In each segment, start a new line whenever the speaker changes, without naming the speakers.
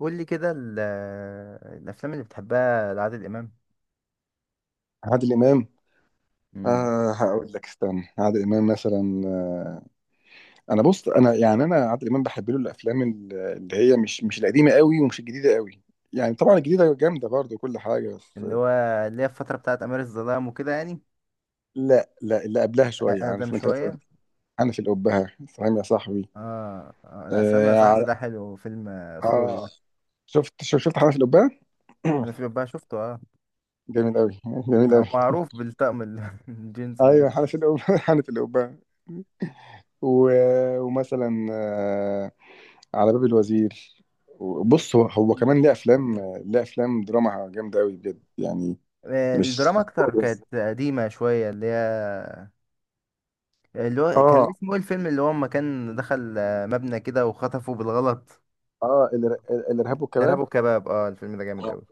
قول لي كده الافلام اللي بتحبها لعادل امام.
عادل امام.
امم.
هقول لك استنى، عادل امام مثلا. آه انا بص انا يعني انا عادل امام بحب له الافلام اللي هي مش القديمه قوي ومش الجديده قوي. يعني طبعا الجديده جامده برضه كل حاجه، بس
اللي هو اللي هي الفتره بتاعت امير الظلام وكده يعني.
لا لا، اللي قبلها شويه،
اقدم
عارف انت، مثلا
شويه.
انا في القبه، فاهم يا صاحبي؟
اه، آه، لا، سلام يا
اه,
صاحبي
ع-
ده حلو فيلم اسطوري
آه
ده.
شفت حنف القبه.
انا في بقى شفته اه.
جميل قوي، جميل
هو
قوي.
معروف بالطقم الجينز
ايوه،
بجد.
حنف القبه حنف القبه. و- ومثلا على باب الوزير. بص، هو كمان ليه افلام، ليه افلام دراما جامده قوي بجد يعني. مش
الدراما اكتر كانت قديمه شويه اللي هي اللي هو كان
اه
اسمه ايه الفيلم اللي هو اما كان دخل مبنى كده وخطفه بالغلط.
اه الارهاب
ارهاب
والكباب.
وكباب، اه الفيلم ده جامد قوي.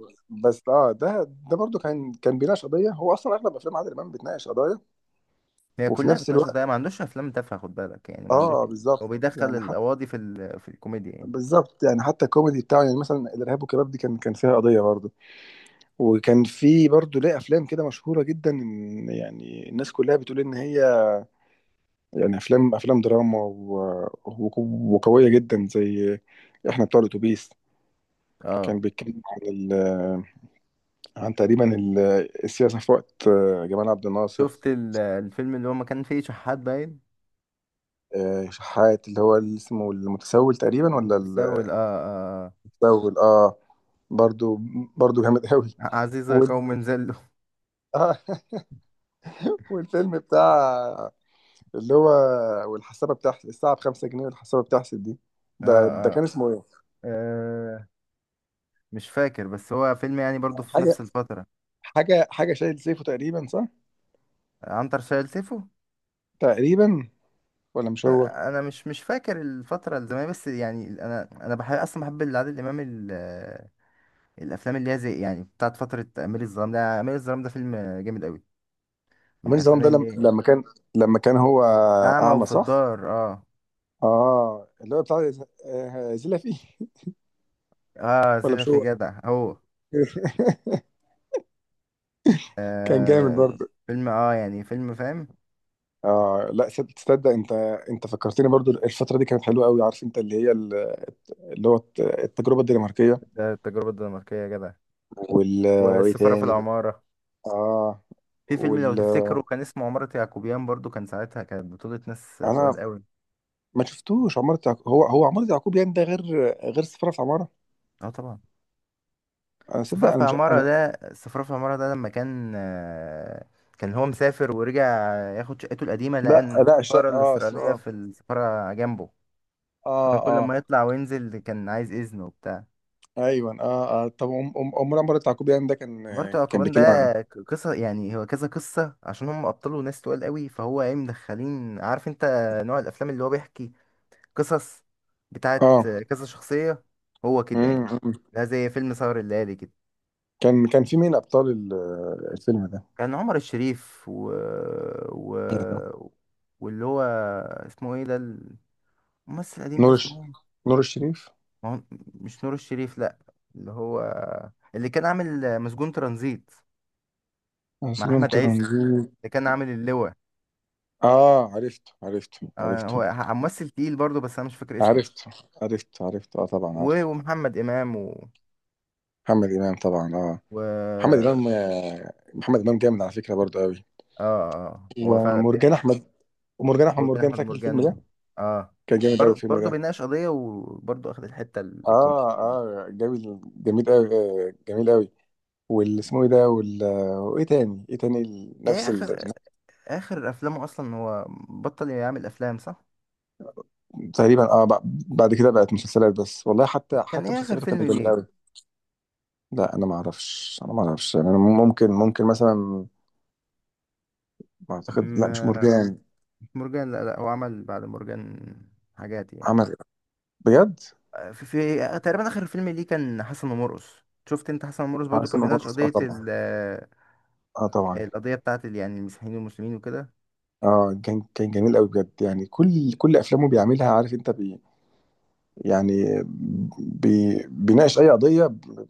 بس اه ده، ده برضو كان بيناقش قضيه. هو اصلا اغلب افلام عادل امام بتناقش قضايا،
هي
وفي
كلها
نفس
بتناقش
الوقت،
قضايا، ما عندوش افلام تافهه خد بالك يعني، ما عندوش.
اه
هو
بالظبط
بيدخل
يعني حتى،
القواضي في الكوميديا يعني.
بالظبط يعني حتى الكوميدي بتاعه. يعني مثلا الارهاب والكباب دي كان فيها قضيه برضو. وكان في برضو ليه افلام كده مشهوره جدا، إن يعني الناس كلها بتقول ان هي يعني افلام، دراما و… و… وقويه جدا، زي احنا بتوع الاتوبيس.
اه،
كان بيتكلم عن عن تقريبا السياسه في وقت جمال عبد الناصر.
شفت الفيلم اللي هو ما كان فيه شحات باين.
شحات اللي هو اللي اسمه المتسول تقريبا، ولا
متسول، اه اه آه.
المتسول؟ اه. برضو، برضو جامد قوي
عزيزة
وال...
قوم زلوا.
آه والفيلم بتاع، اللي هو، والحسابه بتاعت الساعه بخمسة جنيه، والحسابه بتحسب دي.
آه،
ده، ده
آه،
كان اسمه ايه؟
اه مش فاكر بس هو فيلم يعني برضو في نفس
حاجه
الفترة.
حاجه، شايل سيفه تقريبا صح؟
عنتر شايل سيفو.
تقريبا، ولا مش هو؟
أنا مش فاكر الفترة الزمنية، بس يعني انا بحب اصلا، بحب عادل امام الافلام اللي هي زي يعني بتاعت فترة امير الظلام، ده امير الظلام ده فيلم جامد قوي، من
حميد الظلام
الافلام
ده لما
اللي
لما كان، لما كان هو
أعمى
اعمى
وفي
صح؟
الدار اه.
اه اللي هو بتاع زيلا فيه.
اه،
ولا
سيدة
مش
في
هو؟
جدع هو.
كان جامد
آه،
برضه.
فيلم اه يعني، فيلم فاهم.
اه لا، تصدق انت، انت فكرتني برضه الفتره دي كانت حلوه قوي، عارف انت، اللي هو التجربه الدنماركيه
ده التجربة الدنماركية يا جدع،
وال، وايه
والسفارة في
تاني؟
العمارة.
اه
في فيلم لو
وال،
تفتكروا كان اسمه عمارة يعقوبيان، برضو كان ساعتها كانت بطولة ناس تقال
انا
قوي.
ما شفتوش عمارة يعقوب. هو عمارة يعقوب يعني ده غير، غير سفارة في عمارة.
اه طبعا.
انا صدق،
السفارة في
انا مش
العمارة
انا.
ده، السفارة في العمارة ده، لما كان كان هو مسافر ورجع، ياخد شقته القديمة، لقى
لا
إن
لا،
السفارة
الشقة اه
الإسرائيلية
اه،
في السفارة جنبه.
اه
كان كل
آه.
ما يطلع وينزل كان عايز إذن وبتاع.
ايوه اه اه. طب أم- أم- امور عمر التعقوبي ده كان،
مارتو
كان
أكوان ده
بيتكلم عن
قصة، يعني هو كذا قصة عشان هم أبطاله ناس تقال قوي، فهو ايه، مدخلين عارف انت نوع الأفلام اللي هو بيحكي، قصص بتاعت
اه.
كذا شخصية. هو كده
أمم،
يعني.
أمم.
ده زي فيلم سهر الليالي كده.
كان في مين ابطال الفيلم ده؟
كان عمر الشريف و... و...
آه،
واللي هو اسمه ايه ده، الممثل القديم ده
نور
اسمه
الش...
ايه؟
نور الشريف.
ما هو مش نور الشريف لأ، اللي هو اللي كان عامل مسجون ترانزيت مع
عاصم
أحمد عز،
ترنزيت.
اللي كان عامل اللواء.
اه عرفته، عرفته،
هو
عرفته.
ممثل تقيل برضه، بس انا مش فاكر اسمه.
عرفته، عرفته، عرفته اه طبعا عارف.
ومحمد امام و،
محمد امام طبعا اه.
و...
محمد
اه
امام، محمد امام جامد على فكره برضه قوي.
اه. هو فعلا
ومرجان احمد، ومرجان احمد
هو بين
مرجان،
احمد
فاكر الفيلم
مرجان
ده؟
اه.
كان جامد قوي الفيلم
برضه
ده.
بيناقش قضيه، وبرضه اخد الحته
اه
الكوميديه دي.
اه جميل، جميل قوي، جميل قوي. واللي اسمه ايه ده، وال… وايه تاني؟ ايه تاني؟
ايه
نفس ال…
اخر افلامه اصلا؟ هو بطل يعمل افلام صح؟
تقريبا اه، بعد كده بقت مسلسلات بس. والله حتى،
كان
حتى
ايه اخر
مسلسلاته
فيلم
كانت جميله
ليه؟
قوي. لا انا ما اعرفش، انا ما اعرفش يعني. انا ممكن، ممكن مثلا، ما اعتقد. لا مش
م-
مرجان.
مش مرجان، لا لا، هو عمل بعد مرجان حاجات يعني.
عمل بجد.
في تقريبا اخر فيلم ليه كان حسن ومرقص. شفت انت حسن ومرقص،
اه
برضه كان
اسمه
بيناقش
مرقص اه
قضيه،
طبعا، اه طبعا.
القضية بتاعت يعني المسيحيين والمسلمين وكده.
اه كان، كان جميل قوي بجد يعني. كل افلامه بيعملها، عارف انت، بي يعني، بي بيناقش اي قضيه،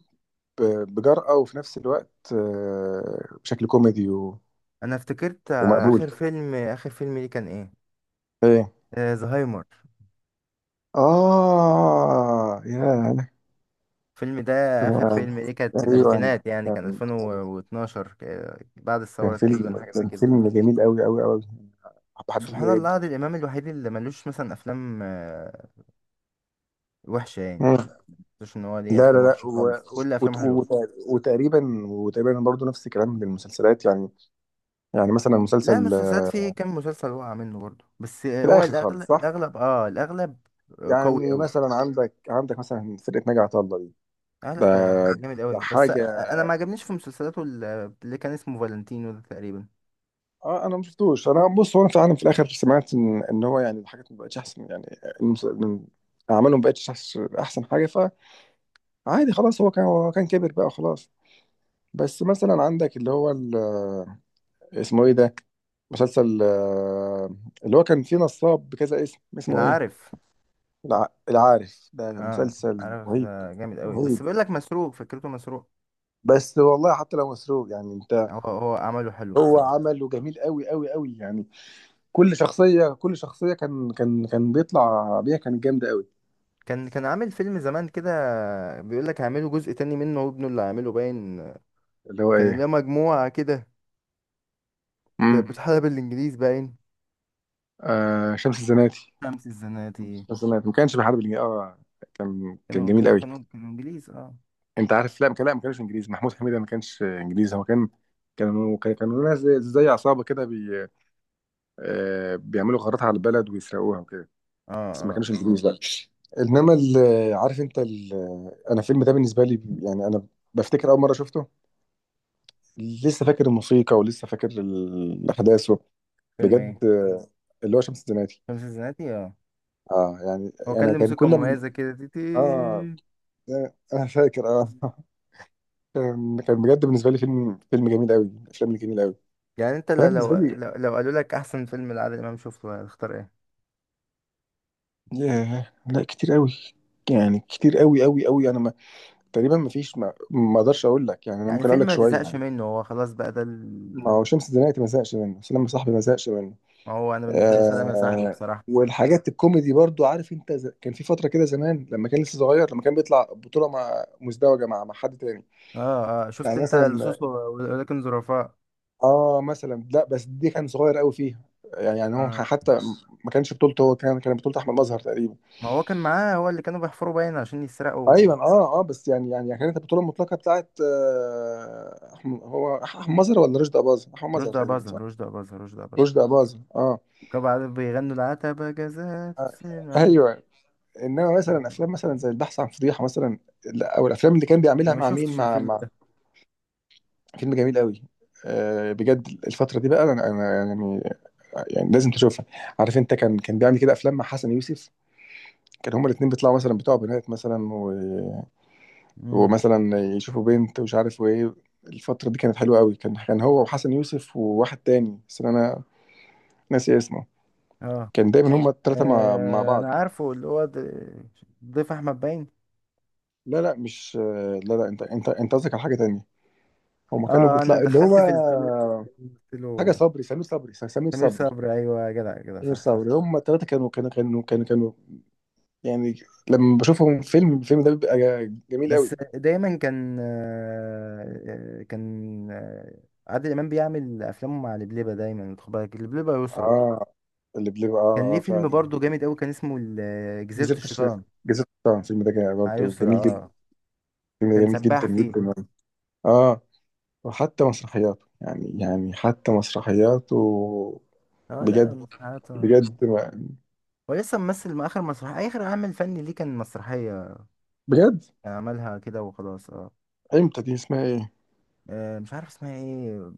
بجرأه، وفي نفس الوقت بشكل كوميدي و-
أنا افتكرت
ومقبول.
آخر فيلم ليه كان إيه؟
ايه؟
زهايمر.
آه يا أنا
الفيلم ده، آخر فيلم
كنت-
ليه، كانت في
أيوه أنا،
الألفينات، يعني كان
كان،
2012، بعد
كان
الثورة تقريبا،
فيلم،
حاجة زي
كان
كده.
فيلم جميل أوي أوي أوي. بحب الفيلم
سبحان
ده
الله،
جدا.
عادل إمام الوحيد اللي ملوش مثلا أفلام وحشة يعني،
مم.
ما مش إن هو ليه
لا لا
أفلام
لا،
وحشة
و...
خالص، كل
وت...
أفلامه حلوة.
وت... وتقريبا وتقريبا برضه نفس الكلام للمسلسلات يعني. يعني مثلا
لا،
مسلسل،
مسلسلات فيه كام مسلسل وقع منه برضه، بس
في
هو
الآخر خالص
الأغلب،
صح؟
الأغلب. آه، قوي
يعني
أوي.
مثلا عندك، عندك مثلا فرقة ناجي عطا الله دي،
اه، لا
ده،
ده جامد
ده
قوي، بس
حاجة.
انا ما عجبنيش في مسلسلاته اللي كان اسمه فالنتينو ده تقريبا.
اه انا ما شفتوش. انا بص، هو انا فعلا في الاخر سمعت ان هو يعني الحاجات ما بقتش احسن يعني. المس- من- اعمالهم ما بقتش أحسن حاجة. عادي خلاص، هو كان كبر بقى خلاص. بس مثلا عندك اللي هو اسمه ايه ده؟ مسلسل اللي هو كان فيه نصاب بكذا اسم،
انا
اسمه ايه؟
عارف،
العارف ده
اه
مسلسل
عارف
رهيب،
ده جامد قوي، بس
رهيب.
بيقول لك مسروق، فكرته مسروق.
بس والله حتى لو مسروق يعني انت،
هو عمله حلو
هو
بصراحة.
عمله جميل قوي قوي قوي يعني. كل شخصية، كل شخصية كان بيطلع بيها كانت جامدة قوي.
كان عامل فيلم زمان كده، بيقول لك هيعملوا جزء تاني منه وابنه اللي عامله باين.
اللي هو
كان ليه
ايه،
مجموعة كده،
امم،
كانت بتحارب بالانجليز باين.
آه شمس الزناتي.
شمس الزناتي.
شمس الزناتي ما كانش بيحارب اه، كان، كان
كانوا
جميل
كانوا
قوي.
كانوا كانوا انجليز اه.
انت عارف لا ما كان، لا ما كانش انجليزي. محمود حميده ما كانش انجليزي. هو كان كانوا، كانوا ناس زي، زي عصابه كده، بي بيعملوا غارات على البلد ويسرقوها وكده،
اه
بس ما
اه،
كانوش انجليزي لا. انما عارف انت انا الفيلم ده بالنسبه لي يعني، انا بفتكر اول مره شفته، لسه فاكر الموسيقى ولسه فاكر الاحداث
فيلم
بجد،
ايه؟
اللي هو شمس الزناتي.
شمس الزناتي اه.
اه يعني،
هو كان
انا
له
كان
موسيقى
كل ما،
مميزة كده، تي تي.
اه انا فاكر اه كان، كان بجد بالنسبه لي فيلم، فيلم جميل قوي، الافلام الجميله قوي.
يعني انت لو
فانا بالنسبه لي
قالوا لك احسن فيلم لعادل امام شفته هتختار ايه؟
ياه، لا كتير قوي يعني. كتير قوي قوي قوي. انا ما، تقريبا ما فيش، ما اقدرش اقول لك يعني، انا
يعني
ممكن اقول
فيلم
لك
ما
شويه
تزهقش
يعني.
منه، هو خلاص بقى ده
ما هو شمس الزناتي ما زهقش منه، سلام يا صاحبي ما زهقش منه.
ما هو انا بالنسبه لي سلام يا صاحبي،
آه،
بصراحه.
والحاجات الكوميدي برضو عارف انت، كان في فتره كده زمان لما كان لسه صغير، لما كان بيطلع بطوله مع مزدوجه مع، حد تاني.
اه اه، شفت
يعني
انت
مثلا،
لصوص ولكن ظرفاء.
اه مثلا، لا بس دي كان صغير قوي فيها، يعني يعني هو
آه.
حتى ما كانش بطولته هو، كان، كان بطوله احمد مظهر تقريبا.
ما هو كان معاه، هو اللي كانوا بيحفروا باين عشان يسرقوا.
ايوه اه اه. بس يعني، يعني كانت البطوله المطلقه بتاعت آه احمد مظهر، ولا رشدي اباظه؟ احمد مظهر تقريبا صح؟
رشدي اباظة.
رشدي اباظه اه.
وكانوا بعدين بيغنوا العتبة جزات
آه،
السنة.
ايوه. انما مثلا
رشدي
افلام
أباظة.
مثلا زي البحث عن فضيحه مثلا، لا، او الافلام اللي كان
انا
بيعملها
ما
مع مين،
شفتش
مع
الفيلم
مع
ده.
فيلم جميل قوي، آه بجد. الفتره دي بقى، انا، انا يعني، يعني لازم تشوفها. عارف انت، كان، كان بيعمل كده افلام مع حسن يوسف. كان هما الاثنين بيطلعوا مثلا بتوع بنات مثلا،
امم.
ومثلا يشوفوا بنت ومش عارف وايه. الفترة دي كانت حلوة قوي، كان، كان هو وحسن يوسف وواحد تاني، بس انا ناسي اسمه.
اه
كان دايما هما التلاتة مع
آه،
بعض.
انا عارفه اللي هو ضيف احمد باين.
لا لا مش، لا لا انت، انت قصدك على حاجة تانية. هما كانوا
اه، انا
بتلاقي اللي هو
دخلت في الفلان، قلت
حاجة،
له
صبري، سمير صبري، سمير
سمير
صبري.
صبري. ايوه يا جدع، يا جدع،
سمير
صح صح.
صبري، هما التلاتة كانوا يعني لما بشوفهم في فيلم، الفيلم ده بيبقى جميل قوي.
بس دايما كان، آه، كان آه، عادل امام بيعمل افلامه مع لبلبه دايما، خد بالك لبلبه، يسرى.
اه، اللي بيبقى
كان
اه
ليه فيلم
فعلا.
برضه جامد قوي، كان اسمه جزيره
جزيرة الشيطان،
الشيطان.
الفيلم ده كان
مع
برضه
يسرى
جميل جدا،
اه.
الفيلم ده
كان
جميل
سباح
جدا
فيه.
جدا. اه، وحتى مسرحياته يعني، يعني حتى مسرحياته
اه لا،
بجد،
المسرحيات آه.
بجد ما-
هو لسه ممثل، مع اخر مسرحيه، اخر عمل فني ليه كان مسرحيه
بجد،
عملها كده وخلاص اه.
امتى دي؟ اسمها ايه؟
مش عارف اسمها ايه،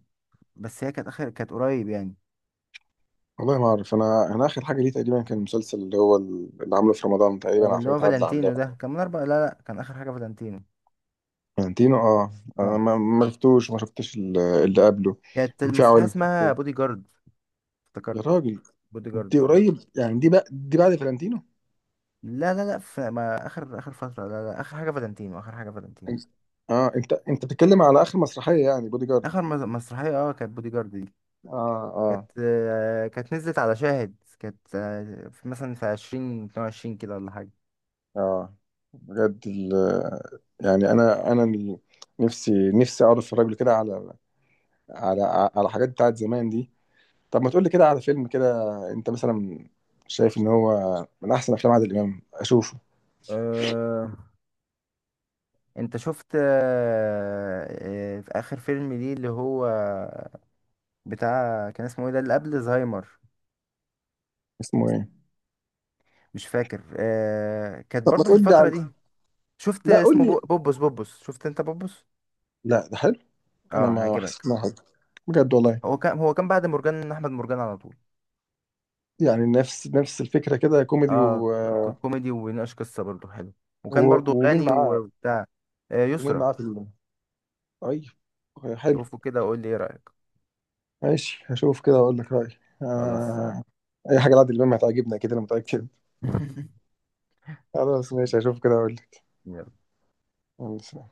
بس هي كانت اخر، كانت قريب يعني.
والله ما اعرف. انا، انا اخر حاجه ليه تقريبا كان المسلسل اللي هو اللي عامله في رمضان تقريبا،
اللي هو
عفاريت عدل علام.
فالنتينو ده كان من اربع، لا لا، كان اخر حاجه فالنتينو.
فلانتينو اه، انا
اه،
ما، ما شفتوش، وما شفتش اللي قبله.
كانت
وفي
المسرحيه
عوالم
اسمها
خفية.
بودي جارد.
يا
افتكرت،
راجل،
بودي
دي
جارد اه.
قريب يعني، دي بقى دي بعد فلانتينو.
لا لا لا، في ما اخر فتره، لا لا، اخر حاجه فالنتينو، اخر حاجه فالنتينو.
اه انت، انت بتتكلم على اخر مسرحيه يعني، بودي جارد.
اخر مسرحيه اه كانت بودي جارد دي،
اه
كانت
اه
آه، كانت نزلت على شاهد، كانت في مثلا في عشرين 2022 كده، ولا حاجه.
اه. بجد ال…، يعني انا، نفسي، نفسي اقعد اتفرج له كده على، على، على حاجات بتاعت زمان دي. طب ما تقول لي كده على فيلم كده، انت مثلا شايف ان هو من احسن افلام عادل امام اشوفه؟
أه، انت شفت في اخر فيلم ليه اللي هو بتاع، كان اسمه ايه ده، اللي قبل زهايمر؟
اسمه ايه؟
مش فاكر كانت
طب ما
برضو في
تقول لي
الفترة
عن،
دي. شفت
لا قول
اسمه
لي.
بوبوس، بوبوس، شفت انت بوبوس؟
لا ده حلو؟ انا
اه،
ما حسيت
هيعجبك.
انه حلو، بجد والله.
هو كان بعد مرجان احمد مرجان على طول.
يعني نفس، نفس الفكره كده، كوميدي
اه،
و…
كوميدي وبيناقش قصة، برضو حلو،
و…
وكان برضو
ومين
غني
معاه؟
وبتاع.
ومين
يسرا.
معاه في ال…؟ طيب، حلو.
شوفه كده وقول لي ايه رأيك.
ماشي هشوف كده واقول لك رايي.
خلاص.
آه… اي حاجه لعادل امام هتعجبني كده، انا متاكد. خلاص ماشي هشوف كده اقول
يلا.
لك.